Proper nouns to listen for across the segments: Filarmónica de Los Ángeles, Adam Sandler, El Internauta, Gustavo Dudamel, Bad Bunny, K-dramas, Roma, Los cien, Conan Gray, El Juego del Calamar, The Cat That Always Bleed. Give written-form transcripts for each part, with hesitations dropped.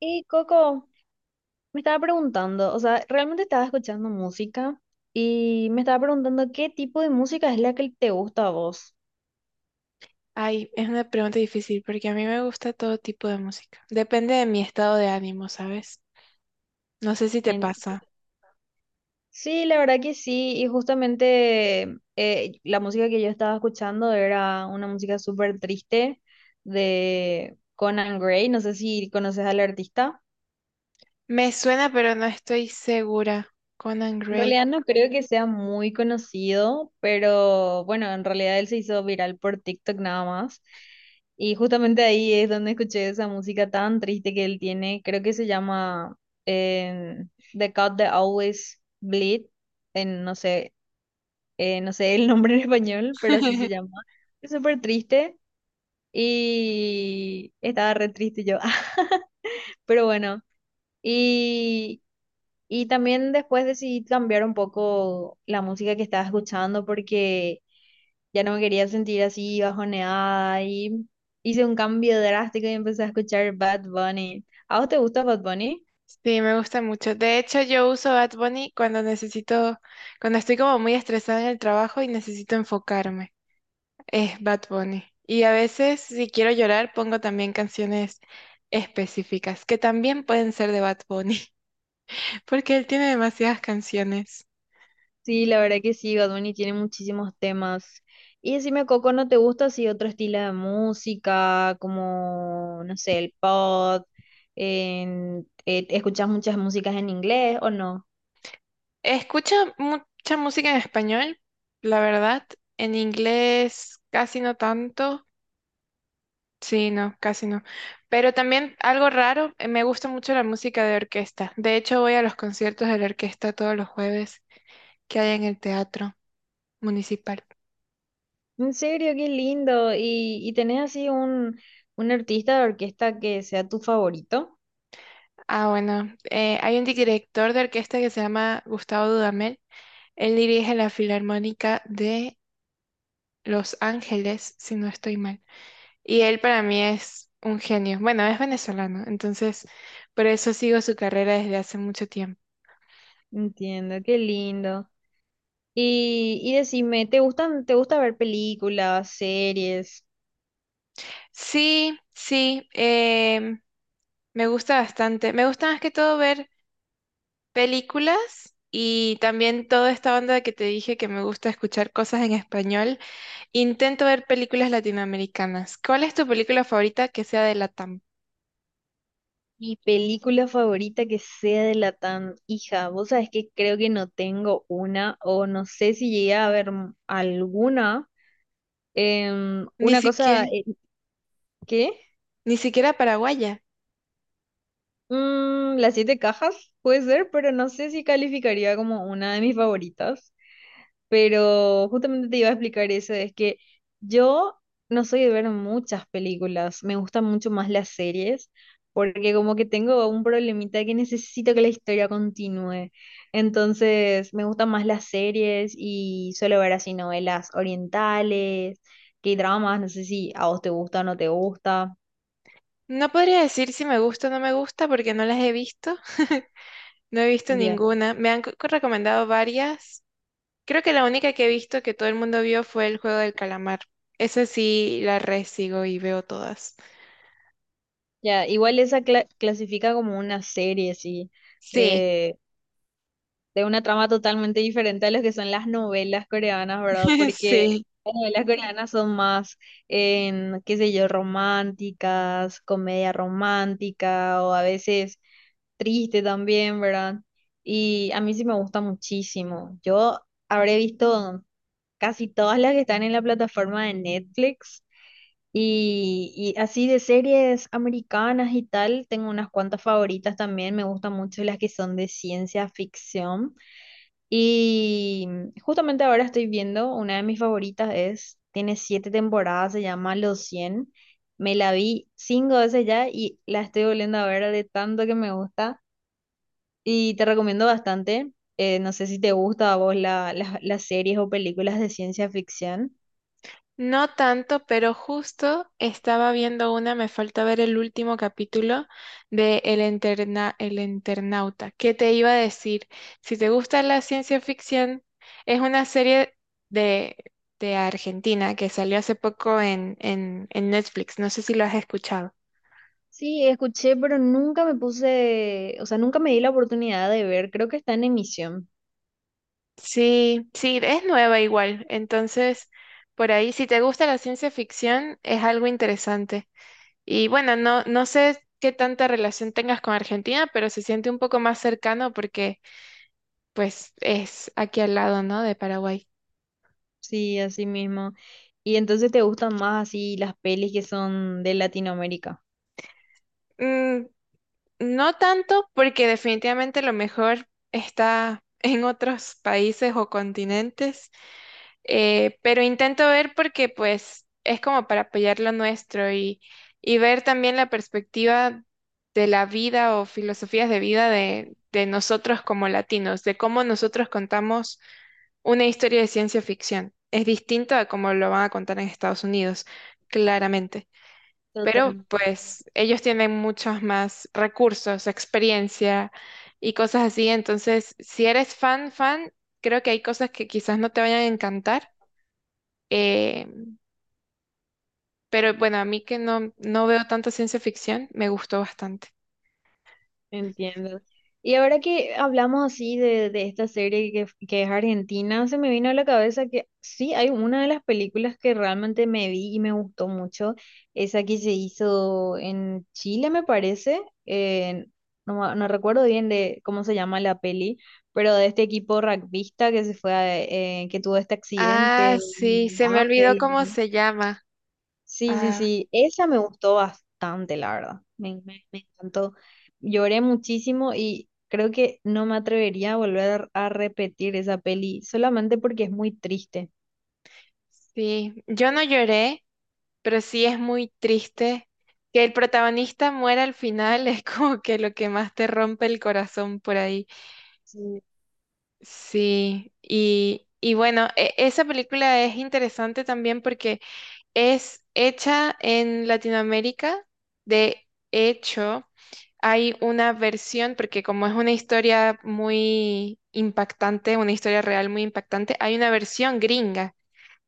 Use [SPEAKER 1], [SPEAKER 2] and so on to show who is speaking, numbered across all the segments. [SPEAKER 1] Y Coco, me estaba preguntando, o sea, realmente estaba escuchando música y me estaba preguntando qué tipo de música es la que te gusta a vos.
[SPEAKER 2] Ay, es una pregunta difícil porque a mí me gusta todo tipo de música. Depende de mi estado de ánimo, ¿sabes? No sé si te
[SPEAKER 1] En-
[SPEAKER 2] pasa.
[SPEAKER 1] Sí, la verdad que sí, y justamente la música que yo estaba escuchando era una música súper triste de Conan Gray, no sé si conoces al artista.
[SPEAKER 2] Me suena, pero no estoy segura. Conan
[SPEAKER 1] En
[SPEAKER 2] Gray.
[SPEAKER 1] realidad no creo que sea muy conocido, pero bueno, en realidad él se hizo viral por TikTok nada más. Y justamente ahí es donde escuché esa música tan triste que él tiene. Creo que se llama eh, The Cat That Always Bleed. No sé, no sé el nombre en español, pero así se llama. Es súper triste y estaba re triste yo. Pero bueno, Y y también después decidí cambiar un poco la música que estaba escuchando porque ya no me quería sentir así bajoneada y hice un cambio drástico y empecé a escuchar Bad Bunny. ¿A vos te gusta Bad Bunny?
[SPEAKER 2] Sí, me gusta mucho. De hecho, yo uso Bad Bunny cuando necesito, cuando estoy como muy estresada en el trabajo y necesito enfocarme. Es Bad Bunny. Y a veces, si quiero llorar, pongo también canciones específicas, que también pueden ser de Bad Bunny, porque él tiene demasiadas canciones.
[SPEAKER 1] Sí, la verdad que sí, Bad Bunny tiene muchísimos temas. Y decime, Coco, ¿no te gusta así otro estilo de música como, no sé, el pop? En, ¿Escuchas muchas músicas en inglés o no?
[SPEAKER 2] Escucho mucha música en español, la verdad. En inglés casi no tanto. Sí, no, casi no. Pero también algo raro, me gusta mucho la música de orquesta. De hecho, voy a los conciertos de la orquesta todos los jueves que hay en el teatro municipal.
[SPEAKER 1] En serio, qué lindo. ¿Y, tenés así un artista de orquesta que sea tu favorito?
[SPEAKER 2] Ah, bueno, hay un director de orquesta que se llama Gustavo Dudamel. Él dirige la Filarmónica de Los Ángeles, si no estoy mal. Y él para mí es un genio. Bueno, es venezolano, entonces por eso sigo su carrera desde hace mucho tiempo.
[SPEAKER 1] Entiendo, qué lindo. Y decime, ¿te gustan, te gusta ver películas, series?
[SPEAKER 2] Sí, sí, me gusta bastante. Me gusta más que todo ver películas, y también toda esta onda que te dije que me gusta escuchar cosas en español. Intento ver películas latinoamericanas. ¿Cuál es tu película favorita que sea de Latam?
[SPEAKER 1] Mi película favorita que sea de Latam, hija, vos sabés que creo que no tengo una, o no sé si llegué a ver alguna.
[SPEAKER 2] Ni
[SPEAKER 1] Una cosa,
[SPEAKER 2] siquiera,
[SPEAKER 1] ¿qué?
[SPEAKER 2] ni siquiera paraguaya.
[SPEAKER 1] Mm, las siete cajas, puede ser, pero no sé si calificaría como una de mis favoritas. Pero justamente te iba a explicar eso, es que yo no soy de ver muchas películas, me gustan mucho más las series, porque como que tengo un problemita que necesito que la historia continúe, entonces me gustan más las series y suelo ver así novelas orientales, K-dramas, no sé si a vos te gusta o no te gusta,
[SPEAKER 2] No podría decir si me gusta o no me gusta porque no las he visto. No he visto
[SPEAKER 1] ya,
[SPEAKER 2] ninguna. Me han recomendado varias. Creo que la única que he visto que todo el mundo vio fue El Juego del Calamar. Esa sí la resigo y veo todas.
[SPEAKER 1] ya, igual esa clasifica como una serie, sí
[SPEAKER 2] Sí,
[SPEAKER 1] de una trama totalmente diferente a lo que son las novelas coreanas, ¿verdad? Porque
[SPEAKER 2] sí.
[SPEAKER 1] las novelas coreanas son más, qué sé yo, románticas, comedia romántica o a veces triste también, ¿verdad? Y a mí sí me gusta muchísimo. Yo habré visto casi todas las que están en la plataforma de Netflix. Y así de series americanas y tal, tengo unas cuantas favoritas también, me gustan mucho las que son de ciencia ficción. Y justamente ahora estoy viendo, una de mis favoritas es, tiene 7 temporadas, se llama Los cien. Me la vi 5 veces ya y la estoy volviendo a ver de tanto que me gusta. Y te recomiendo bastante. No sé si te gusta a vos las series o películas de ciencia ficción.
[SPEAKER 2] No tanto, pero justo estaba viendo una, me falta ver el último capítulo de El Internauta. ¿Qué te iba a decir? Si te gusta la ciencia ficción, es una serie de, de Argentina que salió hace poco en Netflix. No sé si lo has escuchado.
[SPEAKER 1] Sí, escuché, pero nunca me puse, o sea, nunca me di la oportunidad de ver. Creo que está en emisión.
[SPEAKER 2] Sí, sí, es nueva igual. Entonces, por ahí, si te gusta la ciencia ficción, es algo interesante. Y bueno, no, no sé qué tanta relación tengas con Argentina, pero se siente un poco más cercano porque, pues, es aquí al lado, ¿no? De Paraguay.
[SPEAKER 1] Sí, así mismo. Y entonces te gustan más así las pelis que son de Latinoamérica.
[SPEAKER 2] Mm, no tanto, porque definitivamente lo mejor está en otros países o continentes. Pero intento ver porque pues es como para apoyar lo nuestro, y ver también la perspectiva de la vida o filosofías de vida de nosotros como latinos, de cómo nosotros contamos una historia de ciencia ficción. Es distinto a cómo lo van a contar en Estados Unidos, claramente. Pero
[SPEAKER 1] Totalmente,
[SPEAKER 2] pues ellos tienen muchos más recursos, experiencia y cosas así. Entonces, si eres fan, fan, creo que hay cosas que quizás no te vayan a encantar, eh, pero bueno, a mí, que no, no veo tanta ciencia ficción, me gustó bastante.
[SPEAKER 1] entiendo. Y ahora que hablamos así de esta serie que es argentina, se me vino a la cabeza que sí, hay una de las películas que realmente me vi y me gustó mucho, esa que se hizo en Chile, me parece, eh, no, no recuerdo bien de cómo se llama la peli, pero de este equipo rugbyista que se fue que tuvo este
[SPEAKER 2] Ah,
[SPEAKER 1] accidente.
[SPEAKER 2] sí, se me
[SPEAKER 1] Ah,
[SPEAKER 2] olvidó cómo se llama.
[SPEAKER 1] Sí, sí,
[SPEAKER 2] Ah,
[SPEAKER 1] sí, esa me gustó bastante, la verdad. Me, me encantó. Lloré muchísimo y creo que no me atrevería a volver a repetir esa peli solamente porque es muy triste.
[SPEAKER 2] sí, yo no lloré, pero sí es muy triste que el protagonista muera al final, es como que lo que más te rompe el corazón por ahí.
[SPEAKER 1] Sí.
[SPEAKER 2] Sí, y bueno, esa película es interesante también porque es hecha en Latinoamérica, de hecho. Hay una versión, porque como es una historia muy impactante, una historia real muy impactante, hay una versión gringa.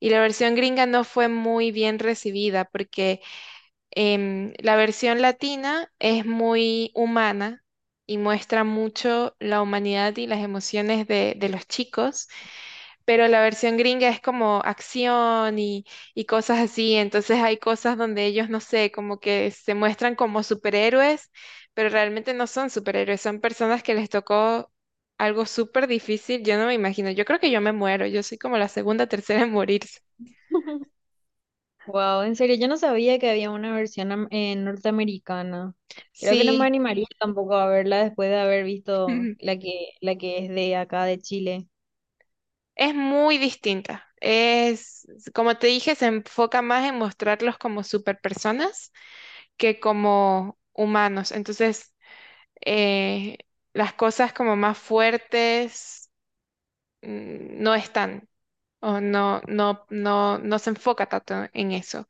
[SPEAKER 2] Y la versión gringa no fue muy bien recibida porque la versión latina es muy humana y muestra mucho la humanidad y las emociones de los chicos, pero la versión gringa es como acción y cosas así. Entonces hay cosas donde ellos, no sé, como que se muestran como superhéroes, pero realmente no son superhéroes, son personas que les tocó algo súper difícil. Yo no me imagino, yo creo que yo me muero, yo soy como la segunda, tercera en morirse.
[SPEAKER 1] Wow, en serio, yo no sabía que había una versión norteamericana. Creo que no me
[SPEAKER 2] Sí,
[SPEAKER 1] animaría tampoco a verla después de haber visto la que es de acá de Chile.
[SPEAKER 2] es muy distinta. Es, como te dije, se enfoca más en mostrarlos como superpersonas que como humanos. Entonces, eh, las cosas como más fuertes no están, o no, no, no, no se enfoca tanto en eso,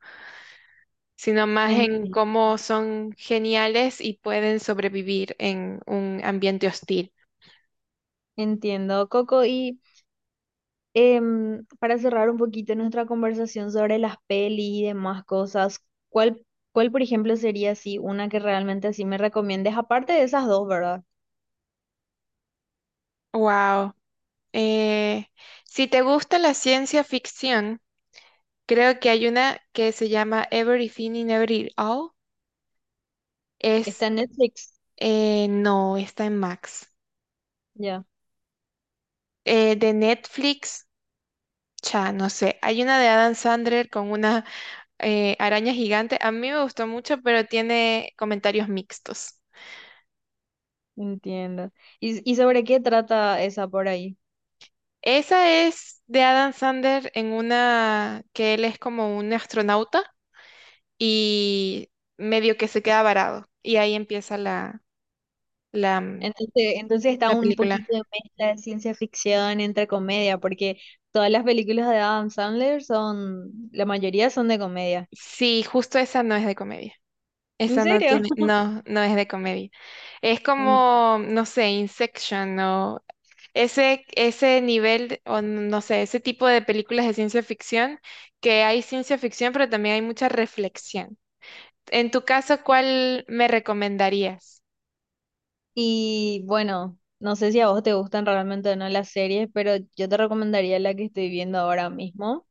[SPEAKER 2] sino más
[SPEAKER 1] En-
[SPEAKER 2] en cómo son geniales y pueden sobrevivir en un ambiente hostil.
[SPEAKER 1] Entiendo, Coco, para cerrar un poquito nuestra conversación sobre las pelis y demás cosas, ¿cuál, cuál, por ejemplo, sería así una que realmente así me recomiendes? Aparte de esas dos, ¿verdad?
[SPEAKER 2] Wow. Eh, si te gusta la ciencia ficción, creo que hay una que se llama Everything in Every All. Es,
[SPEAKER 1] Está en Netflix.
[SPEAKER 2] no, está en Max.
[SPEAKER 1] Ya,
[SPEAKER 2] De Netflix. Cha, no sé. Hay una de Adam Sandler con una araña gigante. A mí me gustó mucho, pero tiene comentarios mixtos.
[SPEAKER 1] entiendo. Y sobre qué trata esa por ahí?
[SPEAKER 2] Esa es de Adam Sandler, en una que él es como un astronauta y medio que se queda varado. Y ahí empieza la, la, mm,
[SPEAKER 1] Entonces, entonces está
[SPEAKER 2] la
[SPEAKER 1] un
[SPEAKER 2] película.
[SPEAKER 1] poquito de mezcla de ciencia ficción entre comedia, porque todas las películas de Adam Sandler son, la mayoría son de comedia.
[SPEAKER 2] Sí, justo esa no es de comedia.
[SPEAKER 1] ¿En
[SPEAKER 2] Esa no
[SPEAKER 1] serio?
[SPEAKER 2] tiene, no, no es de comedia. Es como, no sé, Inception, o ese nivel, o no sé, ese tipo de películas de ciencia ficción, que hay ciencia ficción, pero también hay mucha reflexión. En tu caso, ¿cuál me recomendarías?
[SPEAKER 1] Y bueno, no sé si a vos te gustan realmente o no las series, pero yo te recomendaría la que estoy viendo ahora mismo,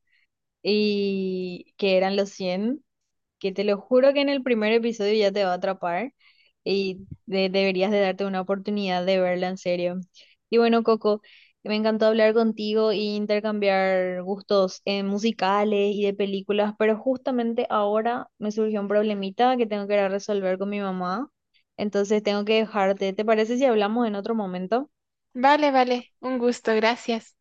[SPEAKER 1] y que eran los cien, que te lo juro que en el primer episodio ya te va a atrapar y deberías de darte una oportunidad de verla en serio. Y bueno, Coco, me encantó hablar contigo e intercambiar gustos musicales y de películas, pero justamente ahora me surgió un problemita que tengo que ir a resolver con mi mamá, entonces tengo que dejarte. ¿Te parece si hablamos en otro momento?
[SPEAKER 2] Vale, vale, un gusto, gracias.